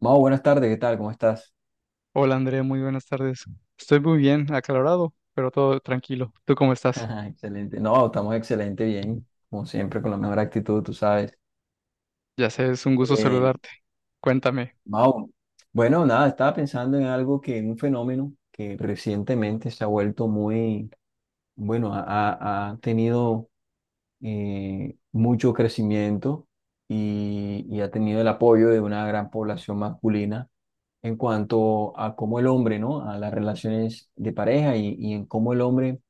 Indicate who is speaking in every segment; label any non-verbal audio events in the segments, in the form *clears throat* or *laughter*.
Speaker 1: Mau, buenas tardes, ¿qué tal? ¿Cómo estás?
Speaker 2: Hola Andrea, muy buenas tardes. Estoy muy bien, aclarado, pero todo tranquilo. ¿Tú cómo estás?
Speaker 1: *laughs* Excelente. No, estamos excelente, bien, como siempre, con la mejor actitud, tú sabes.
Speaker 2: Ya sé, es un gusto
Speaker 1: Eh,
Speaker 2: saludarte. Cuéntame.
Speaker 1: Mau, bueno, nada, estaba pensando en algo que, en un fenómeno que recientemente se ha vuelto muy, bueno, ha tenido mucho crecimiento y ha tenido el apoyo de una gran población masculina en cuanto a cómo el hombre, ¿no? A las relaciones de pareja y en cómo el hombre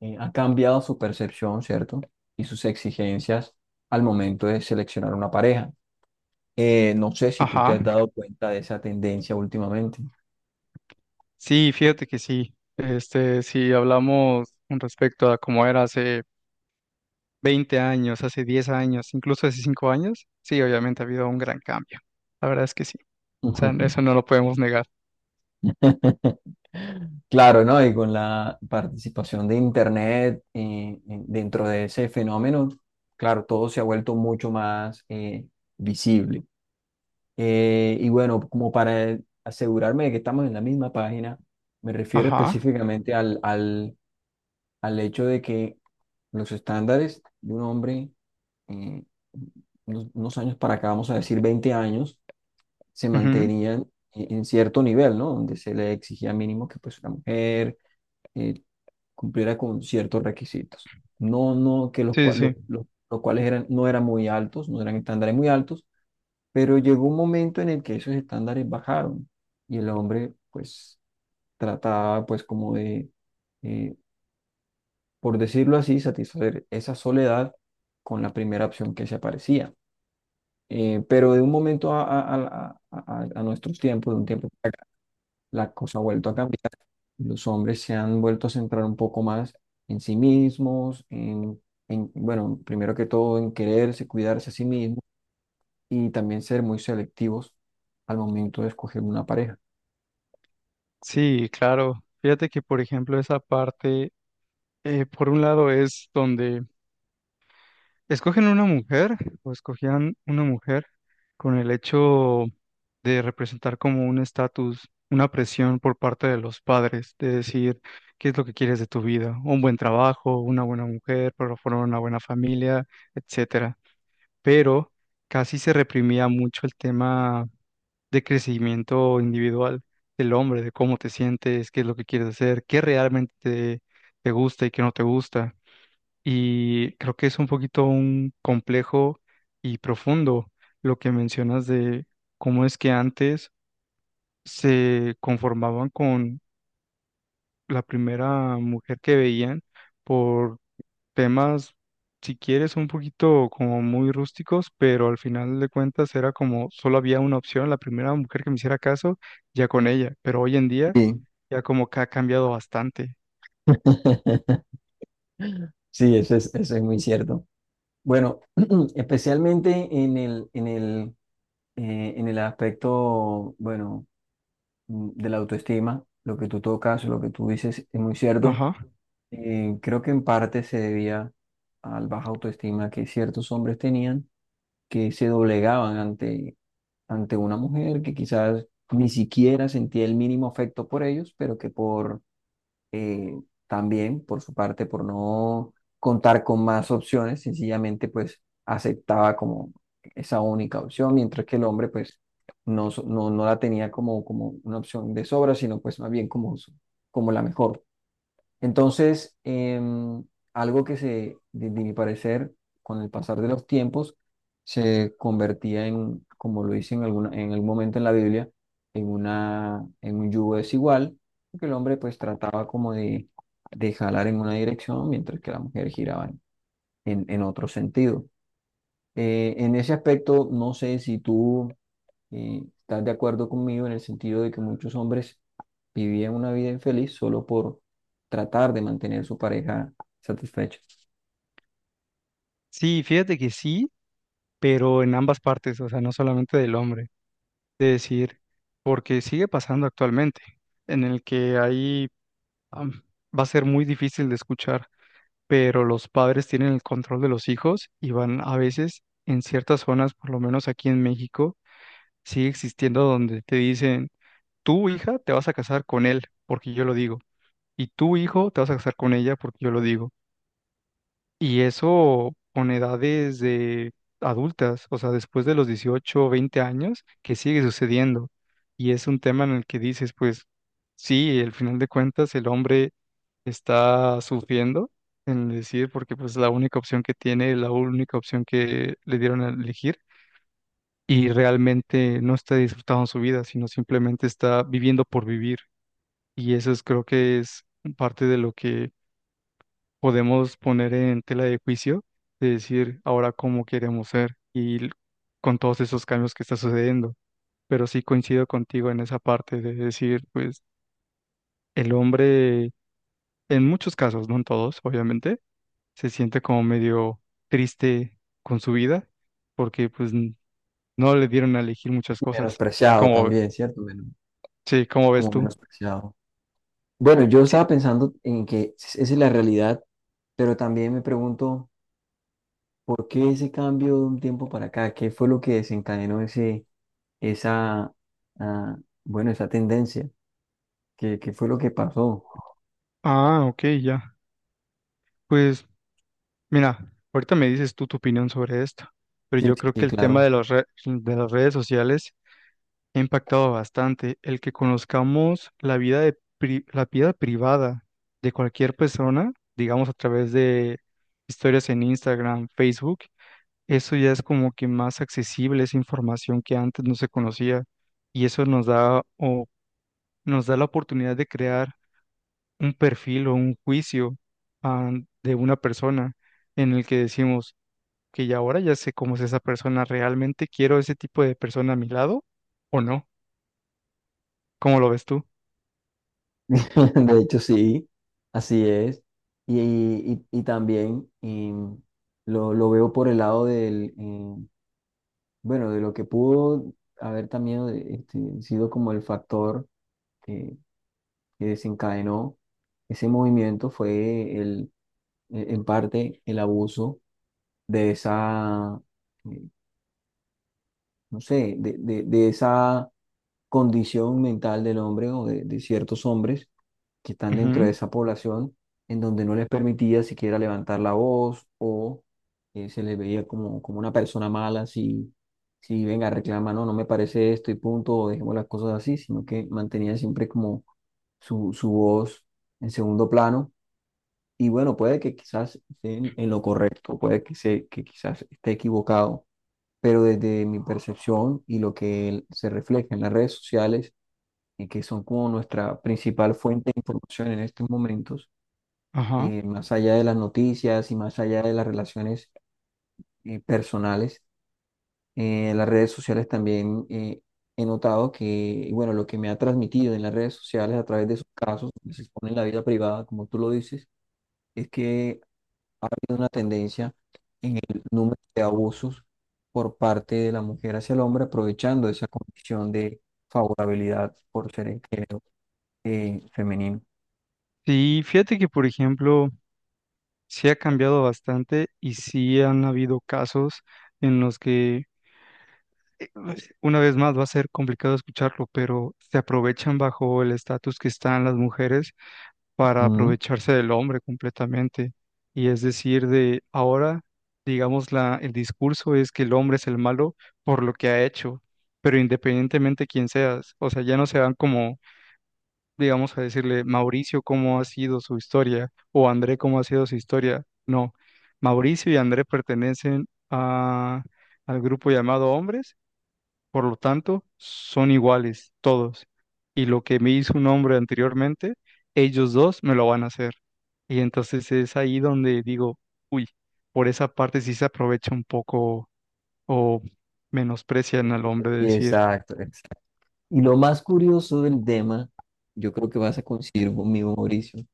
Speaker 1: ha cambiado su percepción, ¿cierto? Y sus exigencias al momento de seleccionar una pareja. No sé si tú te
Speaker 2: Ajá.
Speaker 1: has dado cuenta de esa tendencia últimamente.
Speaker 2: Sí, fíjate que sí. Este, si hablamos con respecto a cómo era hace 20 años, hace 10 años, incluso hace 5 años, sí, obviamente ha habido un gran cambio. La verdad es que sí. O sea, eso no lo podemos negar.
Speaker 1: *laughs* Claro, ¿no? Y con la participación de Internet, dentro de ese fenómeno, claro, todo se ha vuelto mucho más visible. Y bueno, como para asegurarme de que estamos en la misma página, me refiero
Speaker 2: Ajá.
Speaker 1: específicamente al hecho de que los estándares de un hombre, eh, unos años para acá, vamos a decir 20 años, se
Speaker 2: Ujú.
Speaker 1: mantenían en cierto nivel, ¿no? Donde se le exigía mínimo que pues la mujer eh, cumpliera con ciertos requisitos. No, no, que los,
Speaker 2: Sí,
Speaker 1: cua-
Speaker 2: sí.
Speaker 1: lo- los cuales eran, no eran muy altos, no eran estándares muy altos, pero llegó un momento en el que esos estándares bajaron y el hombre pues trataba pues como de... eh, por decirlo así, satisfacer esa soledad con la primera opción que se aparecía. Pero de un momento a nuestros tiempos, de un tiempo, para acá, la cosa ha vuelto a cambiar. Los hombres se han vuelto a centrar un poco más en sí mismos, bueno, primero que todo en quererse, cuidarse a sí mismos y también ser muy selectivos al momento de escoger una pareja.
Speaker 2: Sí, sí, claro. Fíjate que, por ejemplo, esa parte, por un lado es donde ¿escogen una mujer o escogían una mujer con el hecho de representar como un estatus, una presión por parte de los padres, de decir qué es lo que quieres de tu vida, un buen trabajo, una buena mujer, pero formar una buena familia, etcétera? Pero casi se reprimía mucho el tema de crecimiento individual del hombre, de cómo te sientes, qué es lo que quieres hacer, qué realmente te, te gusta y qué no te gusta. Y creo que es un poquito un complejo y profundo lo que mencionas de cómo es que antes se conformaban con la primera mujer que veían por temas, si quieres, un poquito como muy rústicos, pero al final de cuentas era como solo había una opción, la primera mujer que me hiciera caso, ya con ella. Pero hoy en día
Speaker 1: Sí.
Speaker 2: ya como que ha cambiado bastante.
Speaker 1: *laughs* Sí, eso es muy cierto. Bueno, *clears throat* especialmente en el aspecto, bueno, de la autoestima, lo que tú tocas, lo que tú dices es muy cierto.
Speaker 2: Ajá.
Speaker 1: Creo que en parte se debía al baja autoestima que ciertos hombres tenían, que se doblegaban ante una mujer que quizás ni siquiera sentía el mínimo afecto por ellos, pero que por eh, también por su parte, por no contar con más opciones, sencillamente pues aceptaba como esa única opción, mientras que el hombre pues no la tenía como, como una opción de sobra, sino pues más bien como, como la mejor. Entonces, algo que se, de mi parecer, con el pasar de los tiempos, se convertía en, como lo dice en algún momento en la Biblia, en un yugo desigual, que el hombre pues trataba como de jalar en una dirección mientras que la mujer giraba en otro sentido. En ese aspecto, no sé si tú estás de acuerdo conmigo en el sentido de que muchos hombres vivían una vida infeliz solo por tratar de mantener su pareja satisfecha.
Speaker 2: Sí, fíjate que sí, pero en ambas partes, o sea, no solamente del hombre. De decir, porque sigue pasando actualmente, en el que ahí am, va a ser muy difícil de escuchar, pero los padres tienen el control de los hijos y van a veces en ciertas zonas, por lo menos aquí en México, sigue existiendo donde te dicen, tu hija te vas a casar con él porque yo lo digo, y tu hijo te vas a casar con ella porque yo lo digo. Y eso con edades de adultas, o sea, después de los 18 o 20 años, que sigue sucediendo. Y es un tema en el que dices, pues sí, al final de cuentas el hombre está sufriendo en decir, porque pues la única opción que tiene, la única opción que le dieron a elegir, y realmente no está disfrutando su vida, sino simplemente está viviendo por vivir. Y eso es, creo que es parte de lo que podemos poner en tela de juicio de decir ahora cómo queremos ser y con todos esos cambios que está sucediendo. Pero sí coincido contigo en esa parte de decir, pues el hombre, en muchos casos, no en todos, obviamente, se siente como medio triste con su vida porque pues no le dieron a elegir muchas cosas.
Speaker 1: Menospreciado
Speaker 2: Como,
Speaker 1: también, ¿cierto?
Speaker 2: sí, ¿cómo ves
Speaker 1: Como
Speaker 2: tú?
Speaker 1: menospreciado. Bueno, yo
Speaker 2: Sí.
Speaker 1: estaba pensando en que esa es la realidad, pero también me pregunto, ¿por qué ese cambio de un tiempo para acá? ¿Qué fue lo que desencadenó esa, ah, bueno, esa tendencia? ¿Qué fue lo que pasó?
Speaker 2: Ok, ya. Pues mira, ahorita me dices tú tu opinión sobre esto, pero
Speaker 1: Sí,
Speaker 2: yo
Speaker 1: sí,
Speaker 2: creo que
Speaker 1: sí,
Speaker 2: el tema de
Speaker 1: claro.
Speaker 2: las de las redes sociales ha impactado bastante. El que conozcamos la vida de la vida privada de cualquier persona, digamos a través de historias en Instagram, Facebook, eso ya es como que más accesible, esa información que antes no se conocía y eso nos da o nos da la oportunidad de crear un perfil o un juicio ah, de una persona en el que decimos que ya ahora ya sé cómo es esa persona. ¿Realmente quiero ese tipo de persona a mi lado o no? ¿Cómo lo ves tú?
Speaker 1: *laughs* De hecho, sí, así es. Y también lo veo por el lado del, bueno, de lo que pudo haber también sido como el factor que, que desencadenó ese movimiento fue en parte el abuso de esa, eh, no sé, de esa condición mental del hombre o de ciertos hombres que están dentro de
Speaker 2: Ujú.
Speaker 1: esa población en donde no les permitía siquiera levantar la voz o se les veía como una persona mala si venga, reclama, no, no me parece esto y punto, o dejemos las cosas así, sino que mantenían siempre como su voz en segundo plano. Y bueno, puede que quizás esté en lo correcto, puede que quizás esté equivocado, pero desde mi percepción y lo que se refleja en las redes sociales, y que son como nuestra principal fuente de información en estos momentos,
Speaker 2: Ajá.
Speaker 1: más allá de las noticias y más allá de las relaciones personales, las redes sociales también he notado que, y bueno, lo que me ha transmitido en las redes sociales a través de esos casos que se exponen en la vida privada, como tú lo dices, es que hay una tendencia en el número de abusos por parte de la mujer hacia el hombre, aprovechando esa condición de favorabilidad por ser el género femenino.
Speaker 2: Sí, fíjate que, por ejemplo, sí ha cambiado bastante y sí han habido casos en los que, eh, una vez más, va a ser complicado escucharlo, pero se aprovechan bajo el estatus que están las mujeres para
Speaker 1: Ujú.
Speaker 2: aprovecharse del hombre completamente. Y es decir, de ahora, digamos, la, el discurso es que el hombre es el malo por lo que ha hecho, pero independientemente quién seas, o sea, ya no se van como, digamos, a decirle, Mauricio, cómo ha sido su historia, o André, cómo ha sido su historia. No, Mauricio y André pertenecen a, al grupo llamado hombres, por lo tanto, son iguales todos. Y lo que me hizo un hombre anteriormente, ellos dos me lo van a hacer. Y entonces es ahí donde digo, uy, por esa parte sí se aprovecha un poco o menosprecian al hombre de decir,
Speaker 1: Exacto, exacto. Y lo más curioso del tema, yo creo que vas a coincidir conmigo, Mauricio,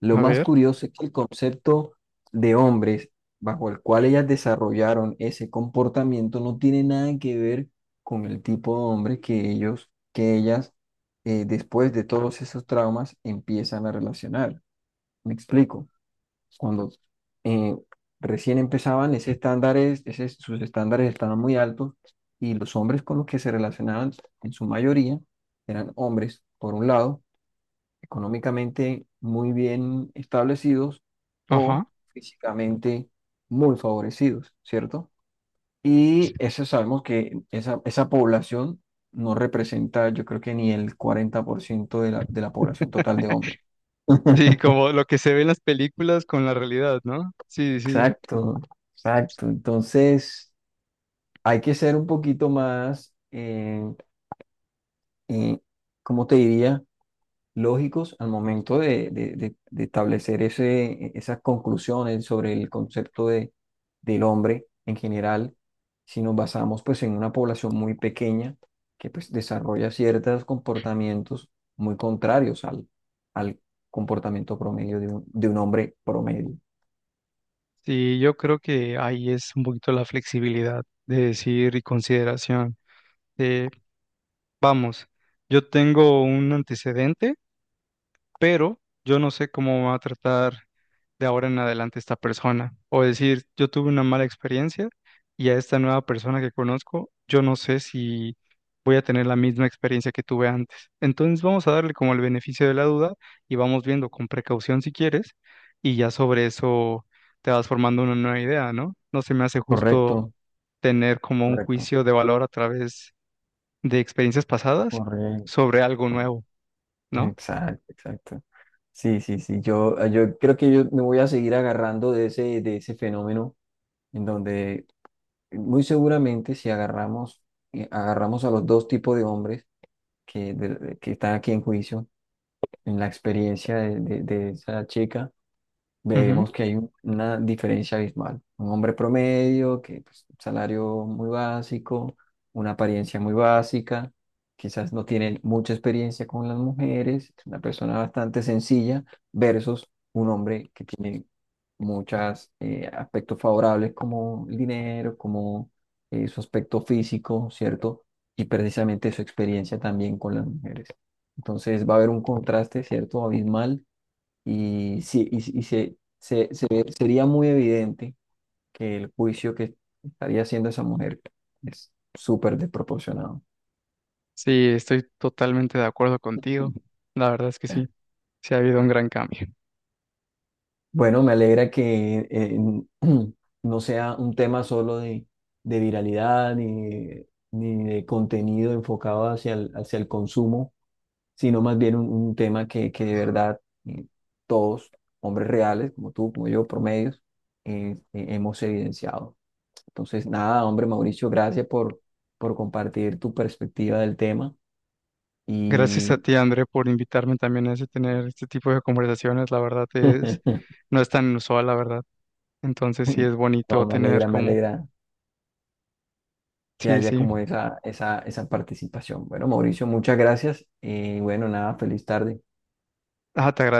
Speaker 1: lo
Speaker 2: a
Speaker 1: más
Speaker 2: ver,
Speaker 1: curioso es que el concepto de hombres bajo el cual ellas desarrollaron ese comportamiento no tiene nada que ver con el tipo de hombre que ellas, después de todos esos traumas, empiezan a relacionar. ¿Me explico? Cuando eh, recién empezaban, sus estándares estaban muy altos y los hombres con los que se relacionaban en su mayoría eran hombres, por un lado, económicamente muy bien establecidos o
Speaker 2: ajá.
Speaker 1: físicamente muy favorecidos, ¿cierto? Y eso sabemos que esa población no representa, yo creo que ni el 40% de la población total de hombres.
Speaker 2: Sí,
Speaker 1: *laughs*
Speaker 2: como lo que se ve en las películas con la realidad, ¿no? Sí, sí.
Speaker 1: Exacto, exacto. Entonces, hay que ser un poquito más, eh, ¿cómo te diría? Lógicos al momento de establecer esas conclusiones sobre el concepto del hombre en general, si nos basamos pues en una población muy pequeña que pues desarrolla ciertos comportamientos muy contrarios al comportamiento promedio de un hombre promedio.
Speaker 2: Sí, yo creo que ahí es un poquito la flexibilidad de decir y consideración. De, vamos, yo tengo un antecedente pero yo no sé cómo va a tratar de ahora en adelante esta persona. O decir, yo tuve una mala experiencia y a esta nueva persona que conozco, yo no sé si voy a tener la misma experiencia que tuve antes. Entonces vamos a darle como el beneficio de la duda y vamos viendo con precaución si quieres y ya sobre eso te vas formando una nueva idea, ¿no? No se me hace justo
Speaker 1: Correcto,
Speaker 2: tener como un
Speaker 1: correcto,
Speaker 2: juicio de valor a través de experiencias pasadas
Speaker 1: correcto.
Speaker 2: sobre algo nuevo, ¿no?
Speaker 1: Exacto, exacto. Sí, sí, sí. Yo creo que yo me voy a seguir agarrando de ese fenómeno en donde muy seguramente si agarramos a los dos tipos de hombres que están aquí en juicio, en la experiencia de esa chica, veremos que hay una diferencia abismal. Un hombre promedio, que pues, un salario muy básico, una apariencia muy básica, quizás no tiene mucha experiencia con las mujeres, es una persona bastante sencilla, versus un hombre que tiene muchos aspectos favorables como el dinero, como su aspecto físico, ¿cierto? Y precisamente su experiencia también con las mujeres. Entonces va a haber un contraste, ¿cierto? Abismal y, sí, y sería muy evidente que el juicio que estaría haciendo esa mujer es súper desproporcionado.
Speaker 2: Sí, estoy totalmente de acuerdo contigo. La verdad es que sí, sí ha habido un gran cambio.
Speaker 1: Bueno, me alegra que *clears throat* no sea un tema solo de viralidad ni de contenido enfocado hacia el consumo, sino más bien un tema que de verdad eh, todos, hombres reales, como tú, como yo, promedios, hemos evidenciado. Entonces, nada, hombre, Mauricio, gracias por compartir tu perspectiva del tema
Speaker 2: Gracias a
Speaker 1: y
Speaker 2: ti, André, por invitarme también a tener este tipo de conversaciones. La verdad es,
Speaker 1: *laughs*
Speaker 2: no es tan inusual, la verdad. Entonces sí es
Speaker 1: no,
Speaker 2: bonito
Speaker 1: me
Speaker 2: tener
Speaker 1: alegra, me
Speaker 2: como,
Speaker 1: alegra que
Speaker 2: sí,
Speaker 1: haya como
Speaker 2: sí.
Speaker 1: esa participación. Bueno, Mauricio, muchas gracias y bueno, nada, feliz tarde.
Speaker 2: Ah, te agradezco.